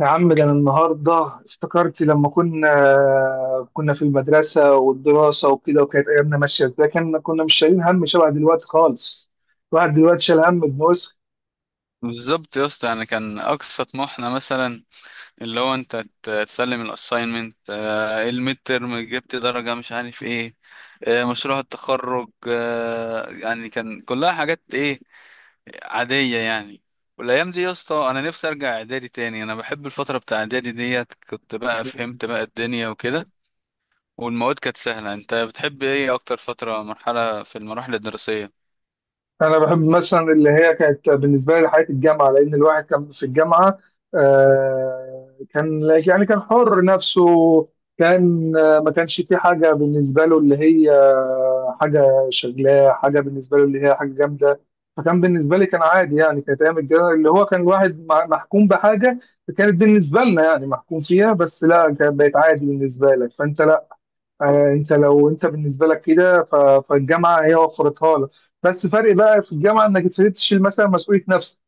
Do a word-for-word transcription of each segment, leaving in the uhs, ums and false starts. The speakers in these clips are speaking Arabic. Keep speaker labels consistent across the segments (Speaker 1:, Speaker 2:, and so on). Speaker 1: يا عم ده أنا النهارده افتكرت لما كنا كنا في المدرسة والدراسة وكده، وكانت أيامنا ماشية إزاي. كنا كنا مش شايلين هم شبه دلوقتي خالص. الواحد دلوقتي شايل هم ابن وسخ.
Speaker 2: بالظبط يا اسطى، يعني كان اقصى طموحنا مثلا اللي هو انت ت- تسلم الاساينمنت، الميد ترم جبت درجه مش عارف ايه، آه، مشروع التخرج، آه، يعني كان كلها حاجات ايه عاديه يعني. والايام دي يا اسطى انا نفسي ارجع اعدادي تاني، انا بحب الفتره بتاع اعدادي ديت، كنت بقى فهمت بقى الدنيا وكده، والمواد كانت سهله. انت بتحب ايه اكتر فتره مرحله في المراحل الدراسيه؟
Speaker 1: انا بحب مثلا اللي هي كانت بالنسبه لي حياه الجامعه، لان الواحد كان في الجامعه آه، كان يعني كان حر نفسه. كان آه، ما كانش في حاجه بالنسبه له اللي هي آه، حاجه شغلاه، حاجه بالنسبه له اللي هي حاجه جامده. فكان بالنسبه لي كان عادي، يعني كانت ايام الجامعه اللي هو كان الواحد مع- محكوم بحاجه. كانت بالنسبه لنا يعني محكوم فيها، بس لا كانت بقت عادي بالنسبه لك، فانت لا. آه، انت لو انت بالنسبه لك كده ف- فالجامعه هي وفرتها لك. بس فرق بقى في الجامعه انك ابتديت تشيل مثلا مسؤوليه نفسك.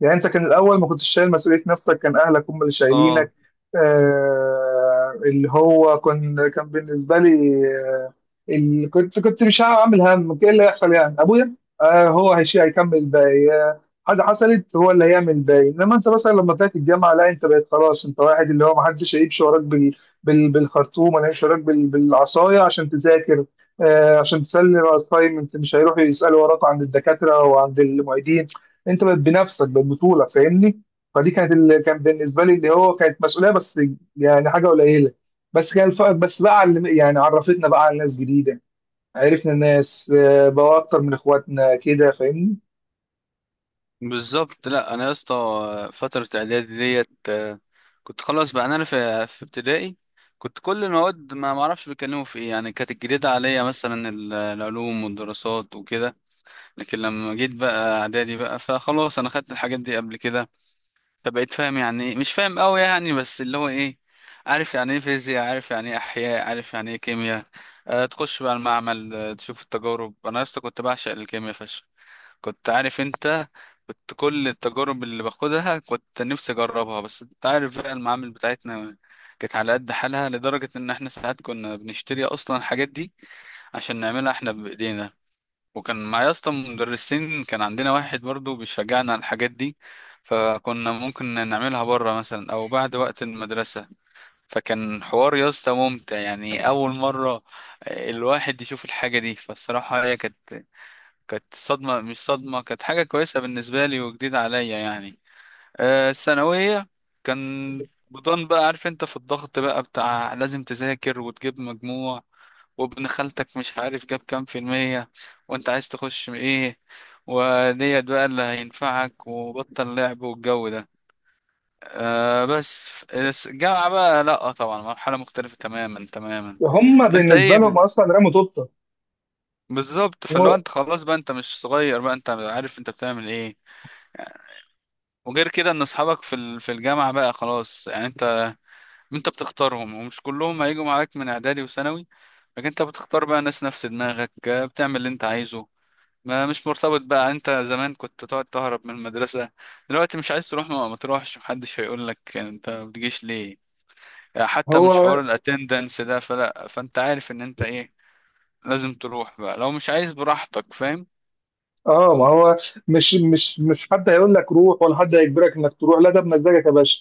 Speaker 1: يعني انت كان الاول ما كنتش شايل مسؤوليه نفسك، كان اهلك هم اللي
Speaker 2: اه
Speaker 1: شايلينك. آه اللي هو كان كان بالنسبه لي آه، اللي كنت كنت مش هعمل هم ايه اللي هيحصل. يعني ابويا آه، هو هيشيل، هيكمل الباقي. آه، حاجه حصلت هو اللي هيعمل الباقي. انما انت مثلا لما طلعت الجامعه لا، انت بقيت خلاص انت واحد اللي هو ما حدش هيمشي وراك بال بال بالخرطوم ولا هيمشي وراك بال بالعصايه عشان تذاكر، آه عشان تسلم اساينمنت. مش هيروحوا يسالوا وراك عند الدكاتره وعند المعيدين. انت بقت بنفسك، بقت بطوله، فاهمني؟ فدي كانت اللي كان بالنسبه لي اللي هو كانت مسؤوليه، بس يعني حاجه قليله. بس كان الفرق بس بقى على- اللي- يعني عرفتنا بقى على ناس جديده. عرفنا ناس آه، بقى اكتر من اخواتنا كده، فاهمني؟
Speaker 2: بالظبط. لا انا يا اسطى فتره اعدادي ديت، آه، كنت خلاص بقى انا في في ابتدائي، كنت كل المواد ما معرفش بيتكلموا في ايه، يعني كانت الجديده عليا مثلا ال- العلوم والدراسات وكده. لكن لما جيت بقى اعدادي بقى فخلاص انا خدت الحاجات دي قبل كده، فبقيت فاهم يعني ايه، مش فاهم قوي يعني، بس اللي هو ايه، عارف يعني ايه فيزياء، عارف يعني ايه احياء، عارف يعني ايه كيمياء. أه تخش بقى المعمل، آه، تشوف التجارب. انا يا اسطى كنت بعشق الكيمياء فشخ، كنت عارف انت، كنت كل التجارب اللي باخدها كنت نفسي اجربها، بس انت عارف بقى المعامل بتاعتنا كانت على قد حالها، لدرجة ان احنا ساعات كنا بنشتري اصلا الحاجات دي عشان نعملها احنا بايدينا. وكان معايا اصلا مدرسين، كان عندنا واحد برضو بيشجعنا على الحاجات دي، فكنا ممكن نعملها بره مثلا او بعد وقت المدرسة. فكان حوار يا اسطى ممتع، يعني اول مرة الواحد يشوف الحاجة دي، فالصراحة هي كانت كانت صدمة، مش صدمة، كانت حاجة كويسة بالنسبة لي وجديدة عليا يعني. آه، الثانوية كان بضن بقى عارف انت في الضغط بقى بتاع لازم تذاكر وتجيب مجموع، وابن خالتك مش عارف جاب كام في المية، وانت عايز تخش ايه، وديت بقى اللي هينفعك، وبطل لعب والجو ده. آه بس بس الجامعة بقى، لأ طبعا مرحلة مختلفة تماما تماما.
Speaker 1: هم
Speaker 2: انت
Speaker 1: بالنسبه
Speaker 2: ايه؟
Speaker 1: لهم اصلا رموا طوبه.
Speaker 2: بالظبط، فلو
Speaker 1: هو
Speaker 2: انت خلاص بقى انت مش صغير بقى، انت عارف انت بتعمل ايه. وغير كده ان اصحابك في ال- في الجامعه بقى خلاص، يعني انت انت بتختارهم، ومش كلهم هيجوا معاك من اعدادي وثانوي، لكن انت بتختار بقى ناس نفس دماغك، آه، بتعمل اللي انت عايزه. ما مش مرتبط بقى، انت زمان كنت تقعد تهرب من المدرسه، دلوقتي مش عايز تروح ما, ما تروحش، محدش هيقول لك انت ما بتجيش ليه، آه، حتى مش
Speaker 1: هو
Speaker 2: حوار الاتندنس ده، فلا فانت عارف ان انت ايه، لازم تروح بقى، لو مش عايز براحتك فاهم.
Speaker 1: اه، ما هو مش مش مش حد هيقول لك روح، ولا حد هيجبرك انك تروح، لا ده بمزاجك يا باشا.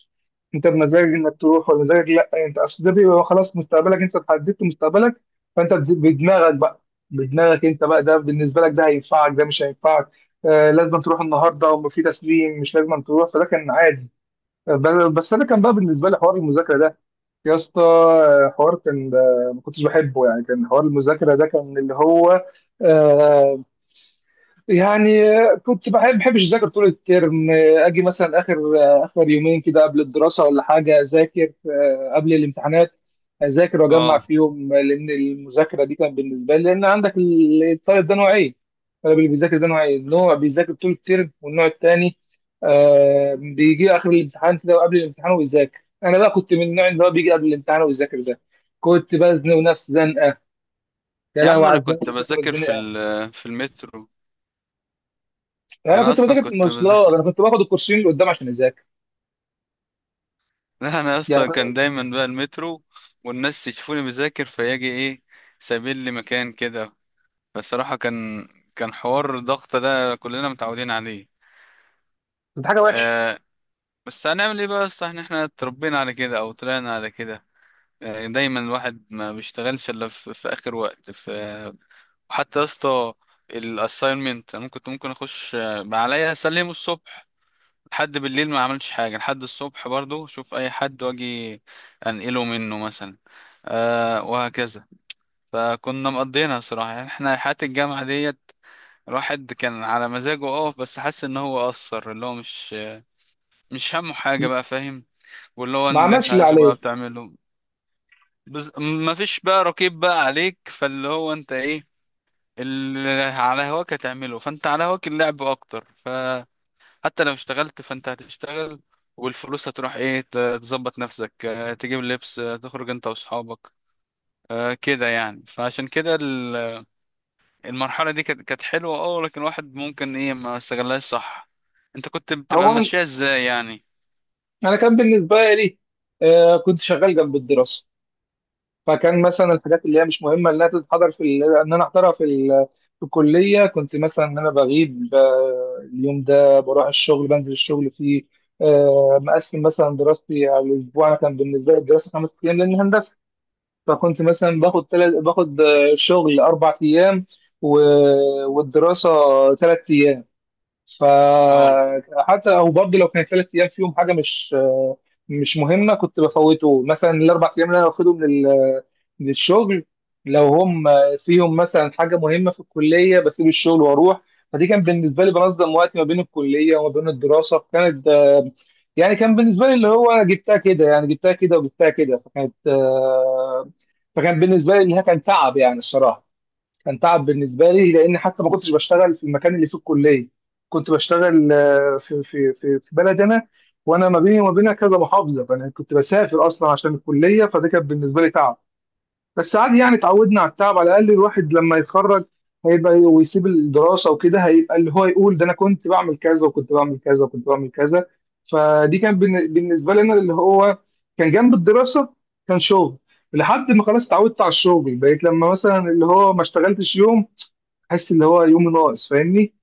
Speaker 1: انت بمزاجك انك تروح ولا مزاجك لا. انت اصل ده بيبقى خلاص مستقبلك، انت اتحددت مستقبلك. فانت بد- بدماغك بقى. بدماغك انت بقى، ده بالنسبه لك ده هينفعك، ده مش هينفعك. آه لازم تروح النهارده وفي تسليم، مش لازم تروح، فده كان عادي. ب- بس انا كان بقى بالنسبه لي حوار المذاكره ده يا اسطى، آه، حوار كان آه، ما كنتش بحبه. يعني كان حوار المذاكره ده كان اللي هو آه، يعني كنت بحب بحبش اذاكر طول الترم. اجي مثلا اخر اخر يومين كده قبل الدراسه ولا حاجه اذاكر آه، قبل الامتحانات اذاكر واجمع
Speaker 2: اه
Speaker 1: فيهم. لان المذاكره دي كانت بالنسبه لي، لان عندك ال- الطالب ده نوعين. الطالب اللي بيذاكر ده نوعين، نوع بيذاكر طول الترم، والنوع الثاني آه بيجي اخر الامتحان كده، وقبل الامتحان ويذاكر. انا بقى كنت من النوع اللي هو بيجي قبل الامتحان ويذاكر ده. كنت بزنق نفسي زنقه، يا
Speaker 2: يا
Speaker 1: لهوي
Speaker 2: عم،
Speaker 1: على
Speaker 2: انا
Speaker 1: الزنقه
Speaker 2: كنت
Speaker 1: اللي كنت
Speaker 2: بذاكر في
Speaker 1: بزنقها.
Speaker 2: ال- في المترو،
Speaker 1: يعني انا
Speaker 2: انا
Speaker 1: كنت
Speaker 2: اصلا
Speaker 1: بذاكر في
Speaker 2: كنت
Speaker 1: المواصلات،
Speaker 2: بذاكر،
Speaker 1: انا كنت باخد الكورسين اللي قدام عشان اذاكر.
Speaker 2: لا انا
Speaker 1: يعني
Speaker 2: اصلا كان دايما بقى المترو والناس يشوفوني بذاكر، فيجي ايه، سابين لي مكان كده. بصراحة كان كان حوار الضغط ده كلنا متعودين عليه.
Speaker 1: كنت حاجه وحشه،
Speaker 2: آه بس هنعمل ايه بقى، اصلا احنا إحنا اتربينا على كده او طلعنا على كده. آه دايما الواحد ما بيشتغلش الا في, في اخر وقت في. حتى يا اسطى الاساينمنت انا كنت ممكن اخش، آه، عليا اسلمه الصبح، لحد بالليل ما عملتش حاجة، لحد الصبح برضو شوف أي حد وأجي أنقله منه مثلا، أه وهكذا. فكنا مقضينا صراحة يعني احنا حياة الجامعة ديت، الواحد كان على مزاجه أقف بس حس إن هو قصر، اللي هو مش مش همه حاجة بقى فاهم، واللي هو
Speaker 1: ما
Speaker 2: اللي أنت
Speaker 1: عملش اللي
Speaker 2: عايزه بقى
Speaker 1: عليه.
Speaker 2: بتعمله. بز... مفيش بقى رقيب بقى عليك، فاللي هو أنت إيه، اللي على هواك هتعمله، فأنت على هواك اللعب أكتر ف، حتى لو اشتغلت فانت هتشتغل والفلوس هتروح ايه، ت- تظبط نفسك، آه، تجيب لبس، آه، تخرج انت واصحابك، آه، كده يعني. فعشان كده ال- المرحلة دي كانت كانت حلوة، اه لكن الواحد ممكن ايه ما استغلهاش صح. انت كنت بتبقى
Speaker 1: هو انا
Speaker 2: ماشية ازاي يعني؟
Speaker 1: أنا كان بالنسبه لي آه كنت شغال جنب الدراسه. فكان مثلا الحاجات اللي هي مش مهمه انها تتحضر في ال- ان انا احضرها في ال- في الكليه، كنت مثلا ان انا بغيب آه، اليوم ده بروح الشغل، بنزل الشغل فيه. آه، مقسم مثلا دراستي على الاسبوع. انا كان بالنسبه لي الدراسه خمس ايام لان هندسه. فكنت مثلا باخد تلت باخد آه، شغل اربع ايام و... والدراسه ثلاث ايام.
Speaker 2: اه،
Speaker 1: فحتى او برضه لو كان ثلاث ايام فيهم حاجه مش مش مهمه، كنت بفوته مثلا. الاربع ايام اللي انا باخدهم لل- للشغل، لو هم فيهم مثلا حاجه مهمه في الكليه بسيب الشغل واروح. فدي كان بالنسبه لي بنظم وقتي ما بين الكليه وما بين الدراسه. كانت يعني كان بالنسبه لي اللي هو جبتها كده، يعني جبتها كده وجبتها كده. فكانت آه، فكان بالنسبه لي انها كان تعب يعني الصراحه. كان تعب بالنسبه لي، لان حتى ما كنتش بشتغل في المكان اللي فيه الكليه. كنت بشتغل آه، في في في في بلد انا، وانا ما بيني وما بينها كذا محافظه، فانا كنت بسافر اصلا عشان الكليه. فده كان بالنسبه لي تعب، بس عادي يعني اتعودنا على التعب. على الاقل الواحد لما يتخرج هيبقى ويسيب الدراسه وكده، هيبقى اللي هو يقول ده انا كنت بعمل كذا وكنت بعمل كذا وكنت بعمل كذا. فدي كان بالن- بالنسبه لنا اللي هو كان جنب الدراسه كان شغل، لحد ما خلاص اتعودت على الشغل. بقيت لما مثلا اللي هو ما اشتغلتش يوم حاسس اللي هو يوم ناقص، فاهمني؟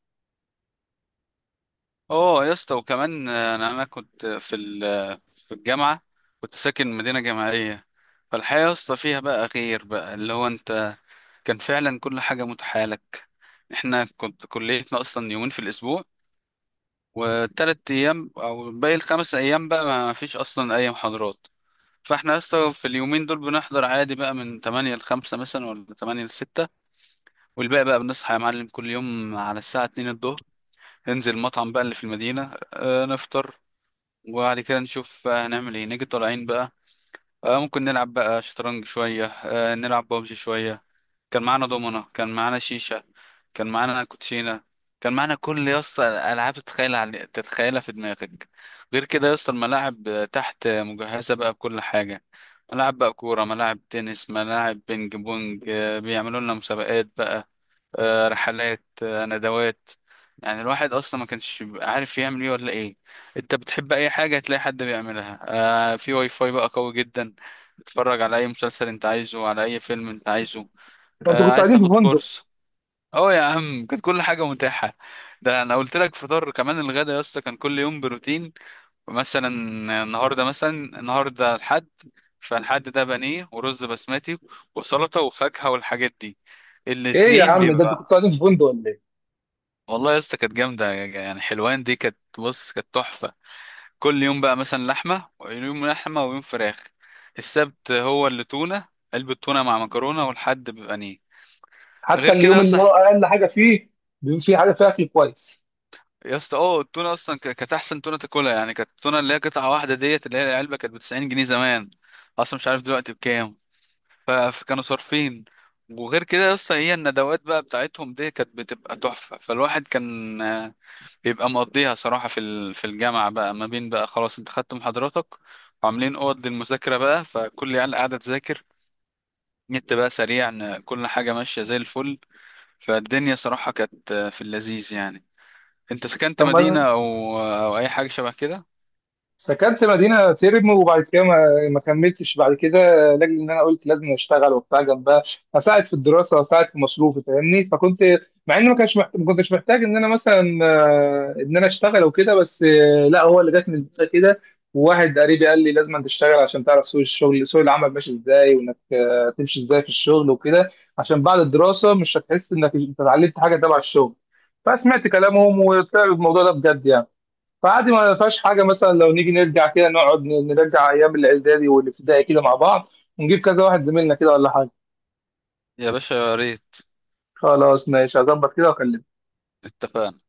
Speaker 2: اه يا اسطى، وكمان آه، انا أنا كنت في ال- في الجامعة، كنت ساكن مدينة جامعية، فالحياة يا اسطى فيها بقى غير بقى اللي هو انت، كان فعلا كل حاجة متاحة لك. احنا كنت كليتنا اصلا يومين في الاسبوع، والتلات ايام او باقي الخمس ايام بقى ما فيش اصلا اي محاضرات. فاحنا يا اسطى في اليومين دول بنحضر عادي بقى من تمانية ل خمسة مثلا ولا تمانية ل ستة، والباقي بقى بنصحى يا معلم كل يوم على الساعة اتنين الظهر، ننزل المطعم بقى اللي في المدينة، آه، نفطر. وبعد كده نشوف آه، هنعمل ايه، نيجي طالعين بقى، آه ممكن نلعب بقى شطرنج شوية، آه نلعب بابجي شوية. كان معانا دومنا، كان معانا شيشة، كان معانا كوتشينة، كان معانا كل يسطا ألعاب تتخيلها تتخيلها في دماغك. غير كده يسطا الملاعب آه، تحت آه، مجهزة بقى بكل حاجة، ملاعب بقى كورة، ملاعب تنس، ملاعب بينج بونج، آه، بيعملوا لنا مسابقات بقى، آه، رحلات، آه، ندوات. يعني الواحد اصلا ما كانش بيبقى عارف يعمل ايه ولا ايه، انت بتحب اي حاجه هتلاقي حد بيعملها. آه في واي فاي بقى قوي جدا، تتفرج على اي مسلسل انت عايزه، على اي فيلم انت عايزه،
Speaker 1: ده انتوا
Speaker 2: آه
Speaker 1: كنتوا
Speaker 2: عايز
Speaker 1: قاعدين
Speaker 2: تاخد
Speaker 1: في فندق؟
Speaker 2: كورس. اه يا عم، كانت كل حاجه متاحه. ده انا قلت لك فطار، كمان الغدا يا اسطى كان كل يوم بروتين مثلا. النهارده مثلا، النهارده الحد، فالحد ده بانيه ورز بسمتي وسلطه وفاكهه والحاجات دي.
Speaker 1: ايه يا
Speaker 2: الاتنين
Speaker 1: عم، ده انتوا
Speaker 2: بيبقى،
Speaker 1: كنتوا قاعدين في فندق ولا ايه؟
Speaker 2: والله يا اسطى كانت جامدة، يعني حلوان دي كانت بص، كانت تحفة. كل يوم بقى مثلا لحمة، ويوم لحمة ويوم فراخ، السبت هو اللي تونة، علبة تونة مع مكرونة، والحد بيبقى نيه.
Speaker 1: حتى
Speaker 2: غير
Speaker 1: اليوم
Speaker 2: كده
Speaker 1: اللي هو
Speaker 2: اصلا
Speaker 1: اقل حاجه فيه بيبقى فيه حاجه فيها اكل كويس.
Speaker 2: يا اسطى، اه التونة اصلا ك- كانت احسن تونة تاكلها، يعني كانت التونة اللي هي قطعة واحدة ديت اللي هي العلبة كانت ب تسعين جنيه زمان، اصلا مش عارف دلوقتي بكام، ف- فكانوا صارفين. وغير كده يا اسطى هي الندوات بقى بتاعتهم دي كانت بتبقى تحفة، فالواحد كان بيبقى مقضيها صراحة في ال- في الجامعة بقى، ما بين بقى خلاص انت خدت محاضراتك، وعاملين اوض للمذاكرة بقى، فكل العيال قاعدة تذاكر، نت بقى سريع، ن- كل حاجة ماشية زي الفل. فالدنيا صراحة كانت في اللذيذ يعني. انت سكنت
Speaker 1: طب
Speaker 2: مدينة
Speaker 1: ما
Speaker 2: او او اي حاجة شبه كده؟
Speaker 1: سكنت مدينة تيرم وبعد كده ما, ما كملتش بعد كده، لاجل ان انا قلت لازم اشتغل وبتاع جنبها، اساعد في الدراسة واساعد في مصروفي، فاهمني؟ فكنت مع ان ما كانش محت... ما كنتش محتاج ان انا مثلا آه، ان انا اشتغل وكده، بس آه، لا هو اللي جاتني البداية كده. وواحد قريبي قال لي لازم أن تشتغل عشان تعرف سوق الشغل، سوق العمل ماشي ازاي، وانك آه، تمشي ازاي في الشغل وكده، عشان بعد الدراسة مش هتحس انك انت اتعلمت حاجة تبع الشغل. فسمعت كلامهم، وطلع الموضوع ده بجد يعني. فعادي، ما فيهاش حاجة مثلا لو نيجي نرجع كده، نقعد ن- نرجع أيام الإعدادي والابتدائي كده مع بعض، ونجيب كذا واحد زميلنا كده ولا حاجة.
Speaker 2: يا باشا يا ريت،
Speaker 1: خلاص ماشي، هظبط كده وأكلمك.
Speaker 2: اتفقنا.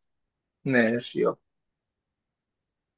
Speaker 1: ماشي، يلا.